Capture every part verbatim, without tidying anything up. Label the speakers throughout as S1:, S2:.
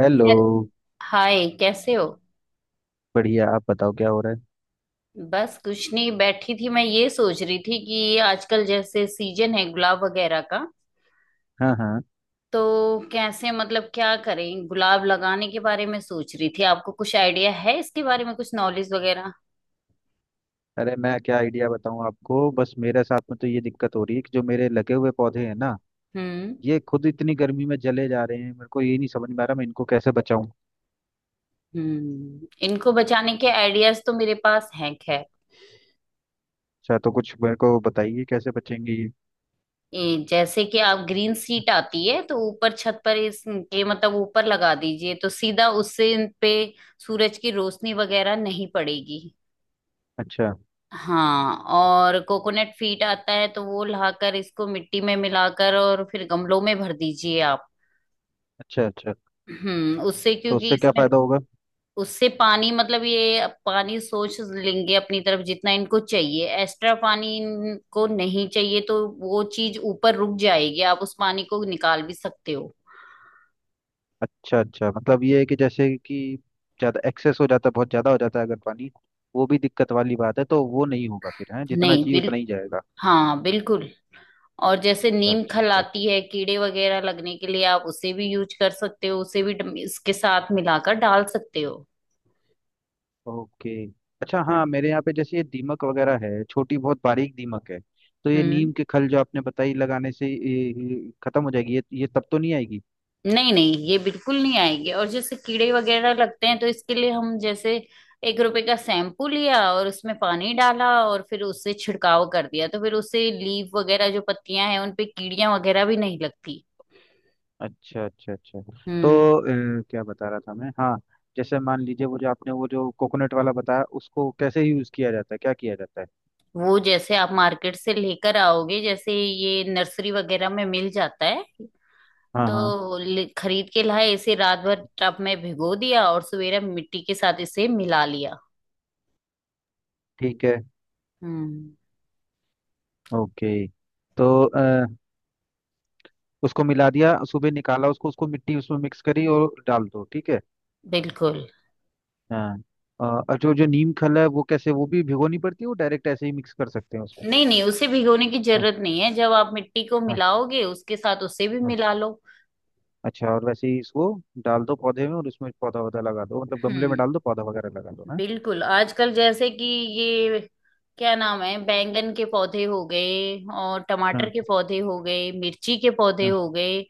S1: Hello.
S2: Hi, कैसे हो।
S1: बढ़िया, आप बताओ क्या हो रहा है?
S2: बस कुछ नहीं, बैठी थी। मैं ये सोच रही थी कि ये आजकल जैसे सीजन है गुलाब वगैरह का।
S1: हाँ, हाँ।
S2: तो कैसे, मतलब क्या करें, गुलाब लगाने के बारे में सोच रही थी। आपको कुछ आइडिया है इसके बारे में, कुछ नॉलेज वगैरह।
S1: अरे मैं क्या आइडिया बताऊं आपको, बस मेरे साथ में तो ये दिक्कत हो रही है कि जो मेरे लगे हुए पौधे हैं ना,
S2: हम्म।
S1: ये खुद इतनी गर्मी में जले जा रहे हैं। मेरे को ये नहीं समझ में आ रहा मैं इनको कैसे बचाऊं।
S2: हम्म। इनको बचाने के आइडियाज तो मेरे पास हैं, खैर
S1: अच्छा, तो कुछ मेरे को बताइए कैसे बचेंगे ये।
S2: ये जैसे कि आप ग्रीन सीट आती है तो ऊपर छत पर, इसके मतलब ऊपर लगा दीजिए तो सीधा उससे इन पे सूरज की रोशनी वगैरह नहीं पड़ेगी।
S1: अच्छा।
S2: हाँ, और कोकोनट फीट आता है तो वो लाकर इसको मिट्टी में मिलाकर और फिर गमलों में भर दीजिए आप।
S1: अच्छा, अच्छा।
S2: हम्म, उससे
S1: तो
S2: क्योंकि
S1: उससे क्या
S2: इसमें
S1: फायदा होगा?
S2: उससे पानी, मतलब ये पानी सोच लेंगे अपनी तरफ, जितना इनको चाहिए। एक्स्ट्रा पानी इनको नहीं चाहिए तो वो चीज ऊपर रुक जाएगी, आप उस पानी को निकाल भी सकते हो।
S1: अच्छा अच्छा, मतलब ये है कि जैसे कि ज्यादा एक्सेस हो जाता है, बहुत ज्यादा हो जाता है अगर पानी, वो भी दिक्कत वाली बात है। तो वो नहीं होगा फिर, है जितना
S2: नहीं
S1: चाहिए
S2: बिल,
S1: उतना ही जाएगा।
S2: हाँ बिल्कुल। और जैसे
S1: अच्छा,
S2: नीम
S1: अच्छा,
S2: खल
S1: अच्छा।
S2: आती है कीड़े वगैरह लगने के लिए, आप उसे भी यूज कर सकते हो, उसे भी डम- इसके साथ मिलाकर डाल सकते हो।
S1: ओके। अच्छा, हाँ
S2: हम्म।
S1: मेरे यहाँ पे जैसे ये दीमक वगैरह है, छोटी बहुत बारीक दीमक है। तो ये
S2: हम्म।
S1: नीम के खल जो आपने बताई, लगाने से ये- ये खत्म हो जाएगी? ये ये तब तो नहीं आएगी?
S2: नहीं नहीं, ये बिल्कुल नहीं आएगी। और जैसे कीड़े वगैरह लगते हैं तो इसके लिए हम जैसे एक रुपए का शैम्पू लिया और उसमें पानी डाला और फिर उससे छिड़काव कर दिया, तो फिर उससे लीफ वगैरह जो पत्तियां हैं उन पे कीड़ियां वगैरह भी नहीं लगती।
S1: अच्छा, अच्छा, अच्छा। तो
S2: हम्म।
S1: अ, क्या बता रहा था मैं, हाँ। जैसे मान लीजिए वो जो आपने वो जो कोकोनट वाला बताया, उसको कैसे यूज किया जाता है, क्या किया जाता है?
S2: वो जैसे आप मार्केट से लेकर आओगे, जैसे ये नर्सरी वगैरह में मिल जाता है,
S1: हाँ, हाँ।
S2: तो ले- खरीद के लाए, इसे रात भर टब में भिगो दिया और सवेरे मिट्टी के साथ इसे मिला लिया।
S1: ठीक है।
S2: हम्म।
S1: ओके। तो अ, उसको मिला दिया, सुबह निकाला उसको उसको मिट्टी उसमें मिक्स करी और डाल दो, ठीक है।
S2: बिल्कुल।
S1: हाँ। अ, और जो जो नीम खल है वो कैसे, वो भी भिगोनी पड़ती है वो डायरेक्ट ऐसे ही मिक्स कर सकते हैं उसमें?
S2: नहीं नहीं, उसे भिगोने की
S1: हाँ।
S2: जरूरत नहीं है, जब आप मिट्टी को
S1: हाँ।
S2: मिलाओगे उसके साथ उसे भी
S1: हाँ।
S2: मिला लो।
S1: अच्छा, और वैसे ही इसको डाल दो पौधे में और उसमें पौधा वौधा लगा दो, मतलब गमले में
S2: हम्म।
S1: डाल दो पौधा वगैरह लगा दो, हाँ।
S2: बिल्कुल। आजकल जैसे कि ये क्या नाम है, बैंगन के पौधे हो गए और टमाटर
S1: हाँ।
S2: के पौधे हो गए, मिर्ची के पौधे
S1: हाँ।
S2: हो गए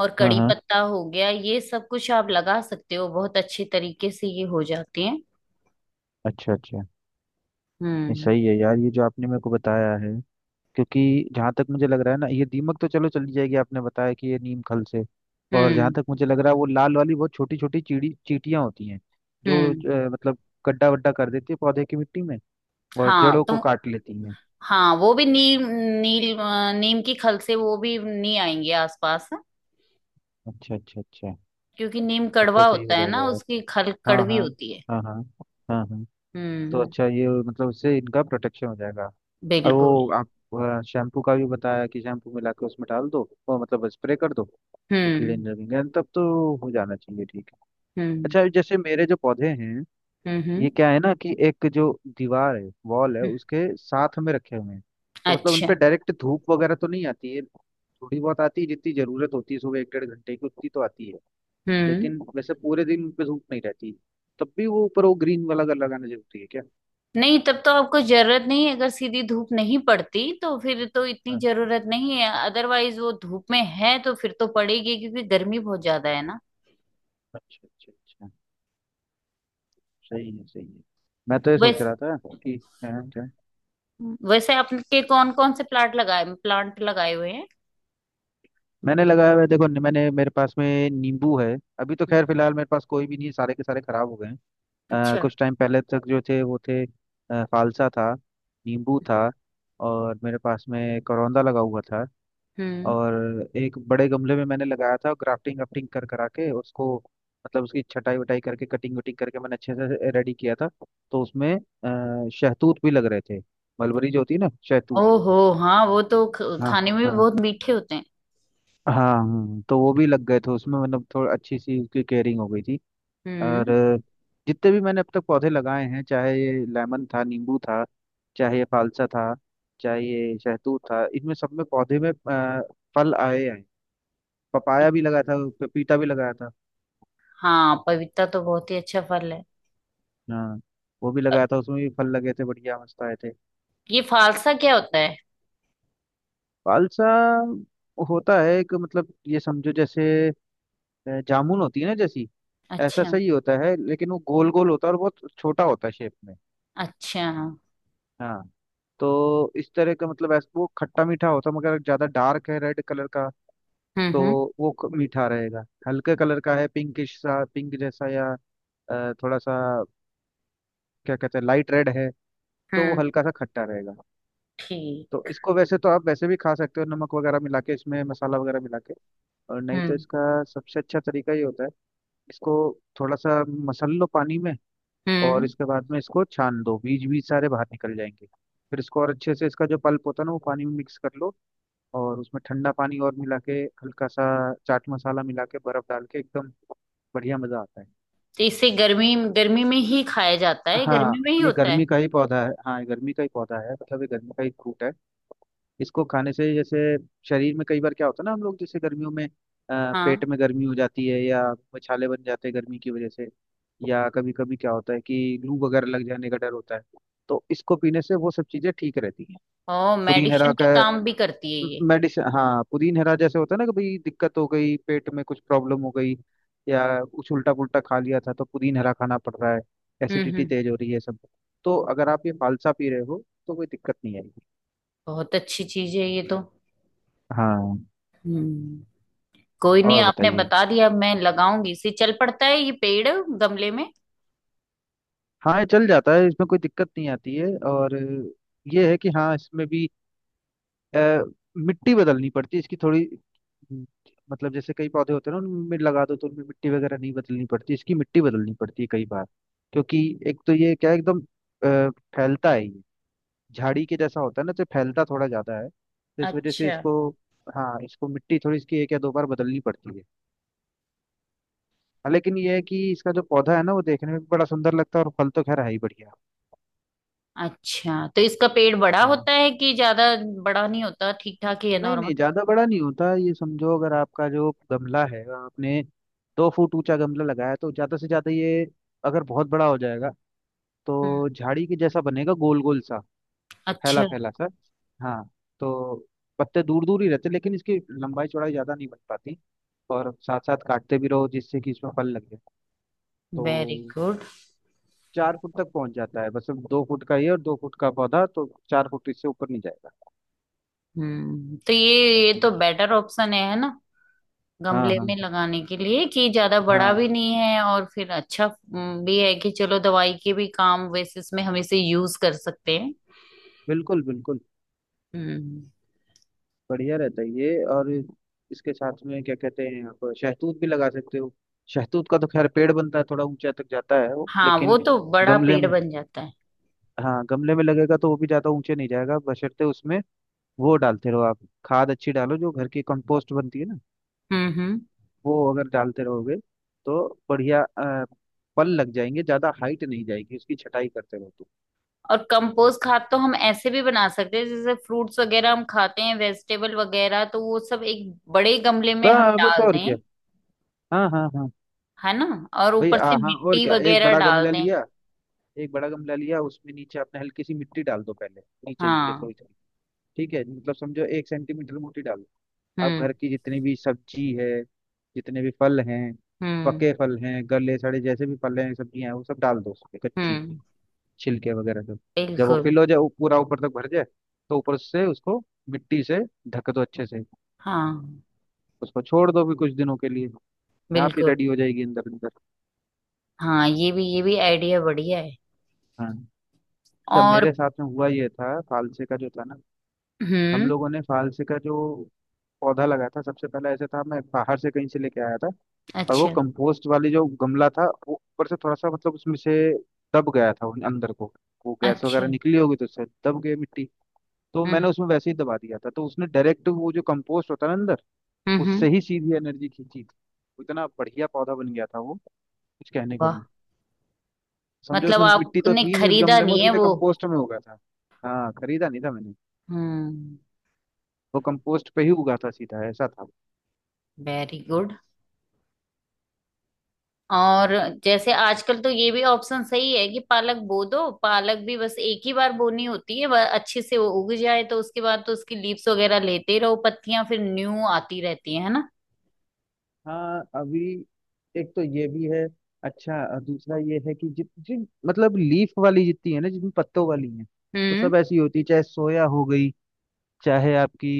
S2: और
S1: हाँ।
S2: कड़ी
S1: हाँ।
S2: पत्ता हो गया। ये सब कुछ आप लगा सकते हो, बहुत अच्छे तरीके से ये हो जाते हैं।
S1: अच्छा, अच्छा। नहीं,
S2: हम्म।
S1: सही है यार ये जो आपने मेरे को बताया है। क्योंकि जहाँ तक मुझे लग रहा है ना, ये दीमक तो चलो चली जाएगी, आपने बताया कि ये नीम खल से। और जहाँ
S2: हम्म।
S1: तक मुझे लग रहा है, वो लाल वाली बहुत छोटी छोटी चीड़ी चींटियाँ होती हैं जो
S2: हम्म।
S1: अ, मतलब गड्ढा वड्ढा कर देती है पौधे की मिट्टी में और
S2: हाँ
S1: जड़ों
S2: तो
S1: को काट लेती हैं।
S2: हाँ, वो भी नीम, नील अ, नीम की खल से वो भी नहीं आएंगे आसपास,
S1: अच्छा, अच्छा, अच्छा।
S2: क्योंकि नीम
S1: तब तो
S2: कड़वा
S1: सही हो
S2: होता है
S1: जाएगा
S2: ना,
S1: यार।
S2: उसकी खल
S1: हाँ,
S2: कड़वी
S1: हाँ।
S2: होती है।
S1: हाँ, हाँ। हाँ, हाँ। तो
S2: हम्म।
S1: अच्छा, ये मतलब उससे इनका प्रोटेक्शन हो जाएगा। और
S2: बिल्कुल।
S1: वो आप शैम्पू का भी बताया कि शैम्पू मिला के उसमें डाल दो, वो मतलब स्प्रे कर दो, तो कीड़े
S2: हम्म।
S1: नहीं लगेंगे। तब तो हो जाना चाहिए, ठीक है।
S2: हम्म।
S1: अच्छा, जैसे मेरे जो पौधे हैं,
S2: हम्म।
S1: ये
S2: हम्म,
S1: क्या है ना कि एक जो दीवार है, वॉल है,
S2: हम्म।
S1: उसके साथ में रखे हुए हैं। तो मतलब उन
S2: अच्छा।
S1: पे डायरेक्ट धूप वगैरह तो नहीं आती है, थोड़ी बहुत आती है, जितनी जरूरत होती है, सुबह एक डेढ़ घंटे की उतनी तो आती है।
S2: हम्म।
S1: लेकिन वैसे पूरे दिन उन पे धूप नहीं रहती। तब भी वो ऊपर वो ग्रीन वाला कलर लगाना जरूरी है क्या?
S2: नहीं, तब तो आपको जरूरत नहीं है। अगर सीधी धूप नहीं पड़ती तो फिर तो इतनी
S1: हाँ।
S2: जरूरत नहीं है। अदरवाइज वो धूप में है तो फिर तो पड़ेगी, क्योंकि गर्मी बहुत ज्यादा है ना।
S1: अच्छा, अच्छा, अच्छा। सही है, सही है। मैं तो ये सोच
S2: वैस
S1: रहा था कि, हाँ क्या?
S2: वैसे आपके कौन कौन से प्लांट लगाए, प्लांट लगाए हुए हैं।
S1: मैंने लगाया हुआ है, देखो मैंने, मेरे पास में नींबू है। अभी तो
S2: हम्म,
S1: खैर फिलहाल मेरे पास कोई भी नहीं है, सारे के सारे खराब हो गए हैं। अ,
S2: अच्छा।
S1: कुछ टाइम पहले तक जो थे, वो थे अ, फालसा था, नींबू था, और मेरे पास में करौंदा लगा हुआ था।
S2: हम्म।
S1: और एक बड़े गमले में मैंने लगाया था, ग्राफ्टिंग वाफ्टिंग कर करा के उसको, मतलब उसकी छटाई वटाई करके, कटिंग वटिंग करके मैंने अच्छे से रेडी किया था। तो उसमें अ, शहतूत भी लग रहे थे। मलबरी जो होती है ना, शहतूत।
S2: ओहो हाँ, वो तो ख-
S1: हाँ।
S2: खाने में भी
S1: हाँ।
S2: बहुत मीठे होते हैं।
S1: हाँ। हाँ, तो वो भी लग गए थे उसमें, मतलब थोड़ा अच्छी सी उसकी केयरिंग हो गई थी।
S2: हम्म।
S1: और अ, जितने भी मैंने अब तक पौधे लगाए हैं, चाहे ये लेमन था, नींबू था, चाहे ये फालसा था, चाहे ये शहतूत था, इनमें सब में पौधे में अ, फल आए हैं। पपाया भी लगाया था, पपीता भी लगाया था।
S2: हाँ, पपीता तो बहुत ही अच्छा फल है।
S1: हाँ, वो भी
S2: अ,
S1: लगाया था, उसमें भी फल लगे थे, बढ़िया मस्त आए थे।
S2: ये फालसा क्या होता है।
S1: पालसा होता है एक, मतलब ये समझो जैसे अ, जामुन होती है ना, जैसी ऐसा
S2: अच्छा।
S1: सही होता है, लेकिन वो गोल गोल होता है और बहुत छोटा होता है शेप में।
S2: अच्छा। हम्म।
S1: हाँ, तो इस तरह का, मतलब ऐसा वो खट्टा मीठा होता है, मगर ज्यादा डार्क है रेड कलर का तो
S2: हम्म।
S1: वो क- मीठा रहेगा। हल्के कलर का है, पिंकिश सा, पिंक जैसा या अ, थोड़ा सा क्या कहते हैं, लाइट रेड है, तो वो
S2: हम्म।
S1: हल्का सा खट्टा रहेगा। तो
S2: ठीक।
S1: इसको वैसे तो आप वैसे भी खा सकते हो, नमक वगैरह मिला के इसमें, मसाला वगैरह मिला के, और नहीं तो
S2: हम्म।
S1: इसका सबसे अच्छा तरीका ये होता है, इसको थोड़ा सा मसल लो पानी में, और
S2: हम्म।
S1: इसके बाद में इसको छान दो, बीज बीज सारे बाहर निकल जाएंगे। फिर इसको और अच्छे से, इसका जो पल्प होता है ना, वो पानी में मिक्स कर लो, और उसमें ठंडा पानी और मिला के, हल्का सा चाट मसाला मिला के, बर्फ डाल के, एकदम बढ़िया मजा आता है।
S2: तो इसे गर्मी गर्मी में ही खाया जाता है, गर्मी
S1: हाँ,
S2: में ही
S1: ये
S2: होता है।
S1: गर्मी का ही पौधा है, हाँ ये गर्मी का ही पौधा है, मतलब ये गर्मी का ही फ्रूट है। इसको खाने से जैसे शरीर में, कई बार क्या होता है ना हम लोग जैसे गर्मियों में अ,
S2: हाँ।
S1: पेट में गर्मी हो जाती है, या छाले बन जाते हैं गर्मी की वजह से, या कभी कभी क्या होता है कि लू वगैरह लग जाने का डर होता है, तो इसको पीने से वो सब चीजें ठीक रहती हैं।
S2: ओ,
S1: पुदीन हरा
S2: मेडिसिन के
S1: का
S2: काम भी करती है ये।
S1: मेडिसिन, हाँ पुदीन हरा जैसे होता है ना कि भाई दिक्कत हो गई, पेट में कुछ प्रॉब्लम हो गई, या कुछ उल्टा पुल्टा खा लिया था, तो पुदीन हरा खाना पड़ रहा है,
S2: हम्म
S1: एसिडिटी
S2: हम्म।
S1: तेज हो रही है, सब। तो अगर आप ये फालसा पी रहे हो तो कोई दिक्कत नहीं आएगी।
S2: बहुत अच्छी चीज है ये तो।
S1: हाँ।
S2: हम्म। कोई नहीं,
S1: और
S2: आपने
S1: बताइए।
S2: बता दिया। अब मैं लगाऊंगी इसे, चल पड़ता है ये पेड़ गमले में।
S1: हाँ, ये चल जाता है, इसमें कोई दिक्कत नहीं आती है। और ये है कि हाँ, इसमें भी अ, मिट्टी बदलनी पड़ती है इसकी थोड़ी, हम्म, मतलब जैसे कई पौधे होते हैं ना, उनमें लगा दो तो उनमें मिट्टी वगैरह नहीं बदलनी पड़ती, इसकी मिट्टी बदलनी पड़ती है कई बार, क्योंकि एक तो ये क्या है, एकदम अ, फैलता है ये, झाड़ी के जैसा होता है ना, तो फैलता थोड़ा ज्यादा है, तो इस वजह से
S2: अच्छा
S1: इसको, हाँ इसको मिट्टी थोड़ी, इसकी एक या दो बार बदलनी पड़ती है। हाँ, लेकिन ये है कि इसका जो पौधा है ना, वो देखने में भी बड़ा सुंदर लगता है, और फल तो खैर है ही बढ़िया।
S2: अच्छा, तो इसका पेड़ बड़ा होता है कि ज्यादा बड़ा नहीं होता, ठीक ठाक ही है,
S1: नहीं
S2: नॉर्मल।
S1: नहीं, ज्यादा बड़ा नहीं होता, ये समझो अगर आपका जो गमला है, आपने दो फुट ऊंचा गमला लगाया है, तो ज्यादा से ज्यादा ये, अगर बहुत बड़ा हो जाएगा
S2: हम्म।
S1: तो झाड़ी के जैसा बनेगा, गोल गोल सा, फैला
S2: अच्छा।
S1: फैला सा। हाँ, तो पत्ते दूर दूर ही रहते, लेकिन इसकी लंबाई चौड़ाई ज्यादा नहीं बन पाती, और साथ साथ काटते भी रहो जिससे कि इसमें फल लगे। तो
S2: वेरी गुड।
S1: चार फुट तक पहुंच जाता है बस, अब दो फुट का ये और दो फुट का पौधा, तो चार फुट, इससे ऊपर नहीं जाएगा।
S2: हम्म। तो ये ये तो बेटर ऑप्शन है है ना,
S1: हाँ,
S2: गमले
S1: हाँ,
S2: में लगाने के लिए कि ज्यादा बड़ा
S1: हाँ।
S2: भी नहीं है। और फिर अच्छा हम्म, भी है कि चलो दवाई के भी काम, वैसे इसमें हम इसे यूज कर सकते हैं।
S1: बिल्कुल, बिल्कुल।
S2: हम्म।
S1: बढ़िया रहता है ये। और इसके साथ में क्या कहते हैं, आप शहतूत भी लगा सकते हो। शहतूत का तो खैर पेड़ बनता है, थोड़ा ऊंचा तक जाता है वो
S2: हाँ, वो
S1: लेकिन,
S2: तो बड़ा
S1: गमले
S2: पेड़
S1: में,
S2: बन जाता है।
S1: हाँ गमले में लगेगा तो वो भी ज्यादा ऊंचे नहीं जाएगा बशर्ते उसमें वो डालते रहो आप, खाद अच्छी डालो, जो घर की कंपोस्ट बनती है ना,
S2: हम्म। हम्म।
S1: वो अगर डालते रहोगे तो बढ़िया अ, फल लग जाएंगे, ज्यादा हाइट नहीं जाएगी, उसकी छटाई करते रहो तो।
S2: और कंपोस्ट खाद तो हम ऐसे भी बना सकते हैं, जैसे फ्रूट्स वगैरह हम खाते हैं, वेजिटेबल वगैरह, तो वो सब एक बड़े गमले में हम
S1: ब- बस
S2: डाल
S1: और
S2: दें,
S1: क्या। हाँ, हाँ, हाँ।
S2: है ना। और
S1: भाई
S2: ऊपर से
S1: हाँ हाँ, और
S2: मिट्टी
S1: क्या, एक
S2: वगैरह
S1: बड़ा
S2: डाल
S1: गमला
S2: दें।
S1: लिया, एक बड़ा गमला लिया, उसमें नीचे आपने हल्की सी मिट्टी डाल दो पहले, नीचे नीचे
S2: हाँ।
S1: थोड़ी थोड़ी, ठीक है, मतलब समझो एक सेंटीमीटर मोटी डालो। आप घर
S2: हम्म।
S1: की जितनी भी सब्जी है, जितने भी फल हैं,
S2: हम्म।
S1: पके फल हैं, गले सड़े, जैसे भी फल हैं, सब्जियां हैं, वो सब डाल दो उसमें, कच्ची
S2: हम्म।
S1: छिलके वगैरह सब। जब वो
S2: बिल्कुल।
S1: फिल हो जाए, वो पूरा ऊपर तक भर जाए, तो ऊपर से उसको मिट्टी से ढक दो अच्छे से।
S2: हाँ।
S1: उसको छोड़ दो भी कुछ दिनों के लिए। आप ही
S2: बिल्कुल।
S1: रेडी हो जाएगी अंदर अंदर।
S2: हाँ, ये भी, ये भी आइडिया बढ़िया है।
S1: हाँ। अच्छा,
S2: और
S1: मेरे साथ में हुआ ये था, फालसे का जो था ना, हम
S2: हम्म।
S1: लोगों ने फालसे का जो पौधा लगाया था सबसे पहले, ऐसे था, मैं बाहर से कहीं से लेके आया था। और वो
S2: अच्छा
S1: कंपोस्ट वाली जो गमला था, वो ऊपर से थोड़ा सा मतलब उसमें से दब गया था उन- अंदर को, वो गैस वगैरह
S2: अच्छा।
S1: निकली होगी तो उससे दब गई मिट्टी। तो मैंने
S2: हम्म।
S1: उसमें वैसे ही दबा दिया था, तो उसने डायरेक्ट वो जो कंपोस्ट होता है ना अंदर,
S2: हम्म। हम्म,
S1: उससे ही सीधी एनर्जी खींची थी, इतना बढ़िया पौधा बन गया था वो, कुछ कहने को नहीं।
S2: वाह।
S1: समझो
S2: मतलब
S1: उसमें मिट्टी तो
S2: आपने
S1: थी ही नहीं उस
S2: खरीदा
S1: गमले में, वो
S2: नहीं है
S1: सीधे
S2: वो।
S1: कंपोस्ट में उगा था। हाँ, खरीदा नहीं था मैंने,
S2: हम्म।
S1: वो कंपोस्ट पे ही उगा था सीधा, ऐसा था।
S2: Very good. और जैसे आजकल तो ये भी ऑप्शन सही है कि पालक बो दो। पालक भी बस एक ही बार बोनी होती है, वह अच्छे से वो उग जाए तो उसके बाद तो उसकी लीव्स वगैरह लेते रहो, पत्तियां फिर न्यू आती रहती है है ना।
S1: हाँ, अभी एक तो ये भी है। अच्छा, अ, दूसरा ये है कि जित जिन, मतलब लीफ वाली जितनी है ना, जितनी पत्तों वाली है, वो
S2: हम्म।
S1: सब ऐसी होती है चाहे सोया हो गई, चाहे आपकी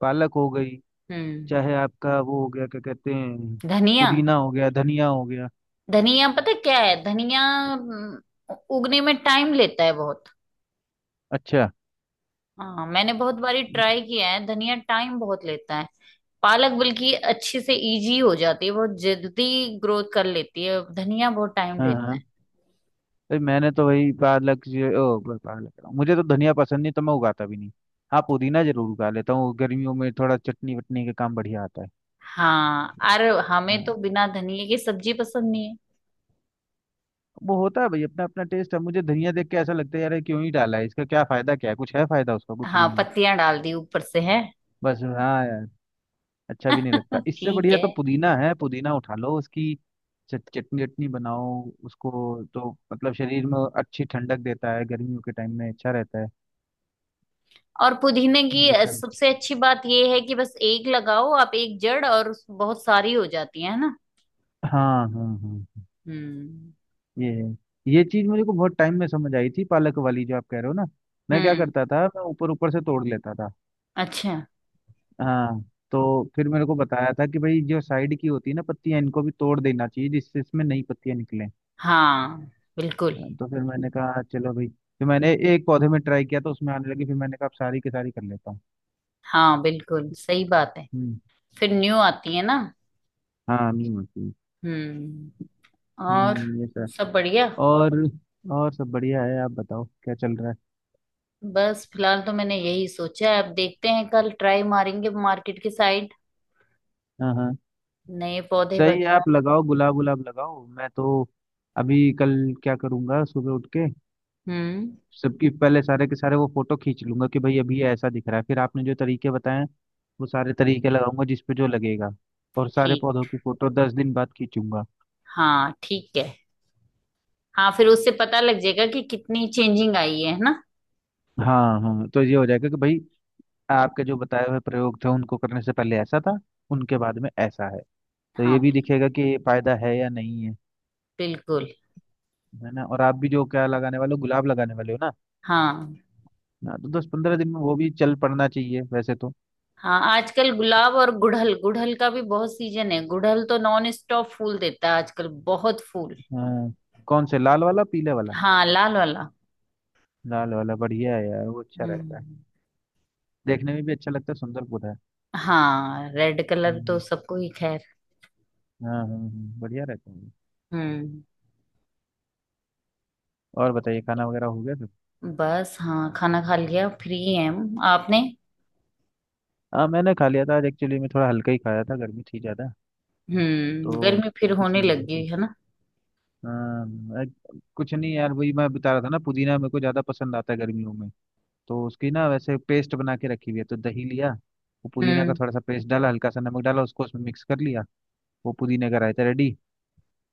S1: पालक हो गई,
S2: हम्म।
S1: चाहे आपका वो हो गया, क्या कहते हैं,
S2: धनिया।
S1: पुदीना हो गया, धनिया हो गया।
S2: धनिया पता क्या है धनिया हम्म, उगने में टाइम लेता है बहुत।
S1: अच्छा।
S2: हाँ, मैंने बहुत बारी ट्राई किया है, धनिया टाइम बहुत लेता है। पालक बल्कि अच्छे से इजी हो जाती है, बहुत जल्दी ग्रोथ कर लेती है, धनिया बहुत टाइम
S1: हाँ
S2: लेती है।
S1: हाँ, भाई मैंने तो वही पालक जो ओ ब- पालक कह रहा हूँ। मुझे तो धनिया पसंद नहीं तो मैं उगाता भी नहीं। हाँ, पुदीना जरूर उगा लेता हूँ गर्मियों में, थोड़ा चटनी वटनी का काम बढ़िया आता है।
S2: हाँ, अरे हमें तो
S1: हाँ।
S2: बिना धनिए की सब्जी पसंद नहीं है।
S1: वो होता है भाई, अपना अपना टेस्ट है। मुझे धनिया देख के ऐसा लगता है, यार ये क्यों ही डाला है, इसका क्या फायदा, क्या है, कुछ है फायदा उसका? कुछ
S2: हाँ,
S1: नहीं है।
S2: पत्तियां डाल दी ऊपर से, है।
S1: बस हाँ यार, अच्छा भी नहीं लगता। इससे
S2: ठीक
S1: बढ़िया तो
S2: है।
S1: पुदीना है, पुदीना उठा लो, उसकी चट- चटनी चटनी बनाओ उसको। तो मतलब शरीर में अच्छी ठंडक देता है, गर्मियों के टाइम में अच्छा रहता है।
S2: और पुदीने की
S1: ये
S2: अ,
S1: सब।
S2: सबसे अच्छी बात ये है कि बस एक लगाओ आप, एक जड़, और उस- बहुत सारी हो जाती है ना।
S1: हाँ हाँ हाँ,
S2: हम्म।
S1: ये है। ये चीज मुझे को बहुत टाइम में समझ आई थी, पालक वाली जो आप कह रहे हो ना। मैं क्या
S2: हम्म।
S1: करता था, मैं ऊपर ऊपर से तोड़ लेता था।
S2: अच्छा।
S1: हाँ, तो फिर मेरे को बताया था कि भाई जो साइड की होती है ना पत्तियां, इनको भी तोड़ देना चाहिए, जिससे इसमें नई पत्तियां निकलें।
S2: हाँ बिल्कुल,
S1: हाँ, तो फिर मैंने कहा चलो भाई, फिर मैंने एक पौधे में ट्राई किया तो उसमें आने लगी। फिर मैंने कहा अब सारी की सारी कर लेता हूँ।
S2: हाँ बिल्कुल सही बात है,
S1: हम्म।
S2: फिर न्यू आती है ना।
S1: हाँ नीम होती है।
S2: हम्म। और
S1: हम्म ये सर।
S2: सब बढ़िया।
S1: और और सब बढ़िया है। आप बताओ क्या चल रहा है।
S2: बस फिलहाल तो मैंने यही सोचा है, अब देखते हैं कल ट्राई मारेंगे मार्केट की साइड,
S1: हाँ हाँ,
S2: नए पौधे
S1: सही है, आप
S2: वगैरह।
S1: लगाओ गुलाब, गुलाब लगाओ। मैं तो अभी कल क्या करूँगा, सुबह उठ के
S2: हम्म।
S1: सबकी, पहले सारे के सारे वो फोटो खींच लूंगा कि भाई अभी ये ऐसा दिख रहा है। फिर आपने जो तरीके बताए, वो सारे तरीके लगाऊंगा, जिस पे जो लगेगा। और सारे
S2: ठीक।
S1: पौधों की फोटो दस दिन बाद खींचूंगा।
S2: हाँ ठीक है। हाँ, फिर उससे पता लग जाएगा कि कितनी चेंजिंग आई है है ना।
S1: हाँ हाँ, तो ये हो जाएगा कि भाई आपके जो बताए हुए प्रयोग थे, उनको करने से पहले ऐसा था, उनके बाद में ऐसा है। तो
S2: हाँ
S1: ये भी
S2: बिल-
S1: दिखेगा कि ये फायदा है या नहीं है।
S2: बिल्कुल।
S1: है ना। और आप भी जो क्या लगाने वाले हो, गुलाब लगाने वाले हो ना।
S2: हाँ।
S1: हाँ, तो दस पंद्रह दिन में वो भी चल पड़ना चाहिए वैसे तो।
S2: हाँ, आजकल गुलाब, और गुड़हल, गुड़हल का भी बहुत सीजन है, गुड़हल तो नॉन स्टॉप फूल देता है आजकल, बहुत फूल।
S1: हाँ, कौन से, लाल वाला पीले वाला?
S2: हाँ, लाल वाला।
S1: लाल वाला बढ़िया है यार, वो अच्छा रहता है,
S2: हम्म।
S1: देखने में भी अच्छा लगता है, सुंदर पौधा है।
S2: हाँ, रेड कलर तो
S1: हम्म।
S2: सबको ही, खैर।
S1: हाँ हाँ हाँ, बढ़िया रहता है ये।
S2: हम्म।
S1: और बताइए, खाना वगैरह हो गया सब?
S2: बस हाँ, खाना खा लिया, फ्री है हम, आपने।
S1: हाँ मैंने खा लिया था आज। एक्चुअली मैं थोड़ा हल्का ही खाया था, गर्मी थी ज़्यादा, तो
S2: हम्म, गर्मी फिर
S1: इसी
S2: होने
S1: वजह
S2: लगी
S1: से।
S2: है ना।
S1: हाँ एक- कुछ नहीं यार, वही मैं बता रहा था ना, पुदीना मेरे को ज़्यादा पसंद आता है गर्मियों में। तो उसकी ना वैसे पेस्ट बना के रखी हुई है, तो दही लिया, वो पुदीना का
S2: हम्म।
S1: थोड़ा सा पेस्ट डाला, हल्का सा नमक डाला, उसको उसमें मिक्स कर लिया। वो पुदीने का रायता रेडी।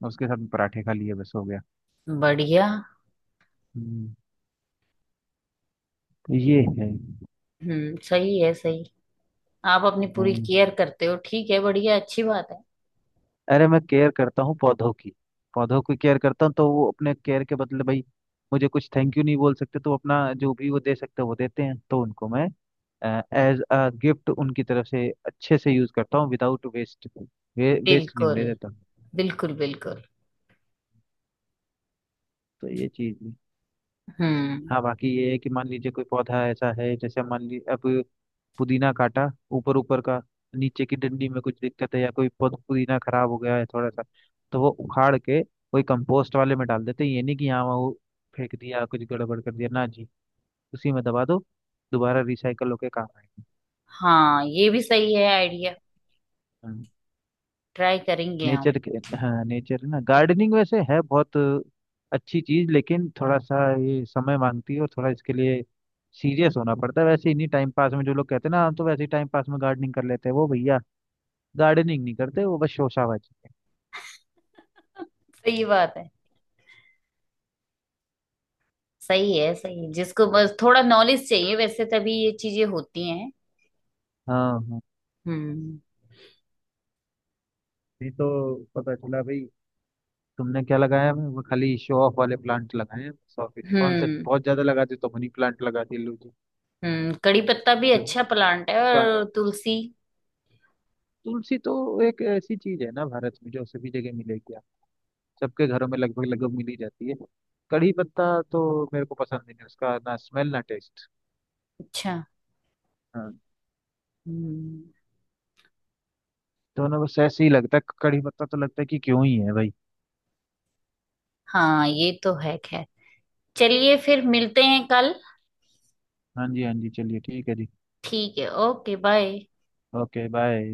S1: उसके साथ में पराठे खा लिए, बस हो गया।
S2: बढ़िया।
S1: हम्म। तो ये है।
S2: हम्म। सही है, सही। आप अपनी पूरी
S1: हाँ,
S2: केयर करते हो, ठीक है, बढ़िया, अच्छी बात है।
S1: अरे मैं केयर करता हूँ पौधों की। पौधों की केयर करता हूँ, तो वो अपने केयर के बदले भाई, मुझे कुछ थैंक यू नहीं बोल सकते, तो अपना जो भी वो दे सकते हैं, वो देते हैं। तो उनको मैं एज अ गिफ्ट उनकी तरफ से अच्छे से यूज करता हूँ, विदाउट वेस्ट। वे, वेस्ट नहीं
S2: बिल्कुल,
S1: होने देता।
S2: बिल्कुल बिल्कुल।
S1: तो ये चीज है।
S2: हम्म।
S1: हाँ बाकी ये है कि मान लीजिए कोई पौधा ऐसा है, जैसे मान लीजिए अब पुदीना काटा, ऊपर ऊपर का, नीचे की डंडी में कुछ दिक्कत है या कोई पु- पुदीना खराब हो गया है थोड़ा सा, तो वो उखाड़ के कोई कंपोस्ट वाले में डाल देते हैं। ये नहीं कि यहाँ वो फेंक दिया, कुछ गड़बड़ कर दिया ना जी। उसी में दबा दो, दोबारा रिसाइकल होके काम आएगा।
S2: हाँ ये भी सही है आइडिया, ट्राई करेंगे हम।
S1: नेचर के। हाँ नेचर है ना। गार्डनिंग वैसे है बहुत अच्छी चीज, लेकिन थोड़ा सा ये समय मांगती है और थोड़ा इसके लिए सीरियस होना पड़ता है। वैसे इन्हीं टाइम पास में जो लोग कहते हैं ना, हम तो वैसे ही टाइम पास में गार्डनिंग कर लेते हैं, वो भैया गार्डनिंग नहीं करते, वो बस शोशाबाजी।
S2: सही बात है, सही है सही है, जिसको बस थोड़ा नॉलेज चाहिए वैसे, तभी ये चीजें होती हैं।
S1: हाँ हाँ,
S2: हम्म।
S1: नहीं तो पता चला भाई, तुमने क्या लगाया है? वो खाली शो ऑफ वाले प्लांट लगाए हैं सौंफ के। कौन से
S2: हम्म।
S1: बहुत ज्यादा लगाती, तो मनी प्लांट लगाती है लोग।
S2: हम्म। कड़ी पत्ता भी
S1: जो
S2: अच्छा प्लांट है,
S1: का,
S2: और तुलसी।
S1: तुलसी तो एक ऐसी चीज है ना भारत में, जो सभी जगह मिलेगी, आप सबके घरों में लगभग लगभग मिल ही जाती है। कड़ी पत्ता तो मेरे को पसंद नहीं है, उसका ना स्मेल ना टेस्ट।
S2: अच्छा।
S1: हाँ,
S2: हम्म।
S1: दोनों बस ऐसे ही लगता है, कड़ी पत्ता तो लगता है कि क्यों ही है भाई।
S2: हाँ, ये तो है खैर। चलिए फिर मिलते हैं कल।
S1: हाँ जी हाँ जी, चलिए ठीक है जी।
S2: ठीक है, ओके बाय।
S1: Okay bye.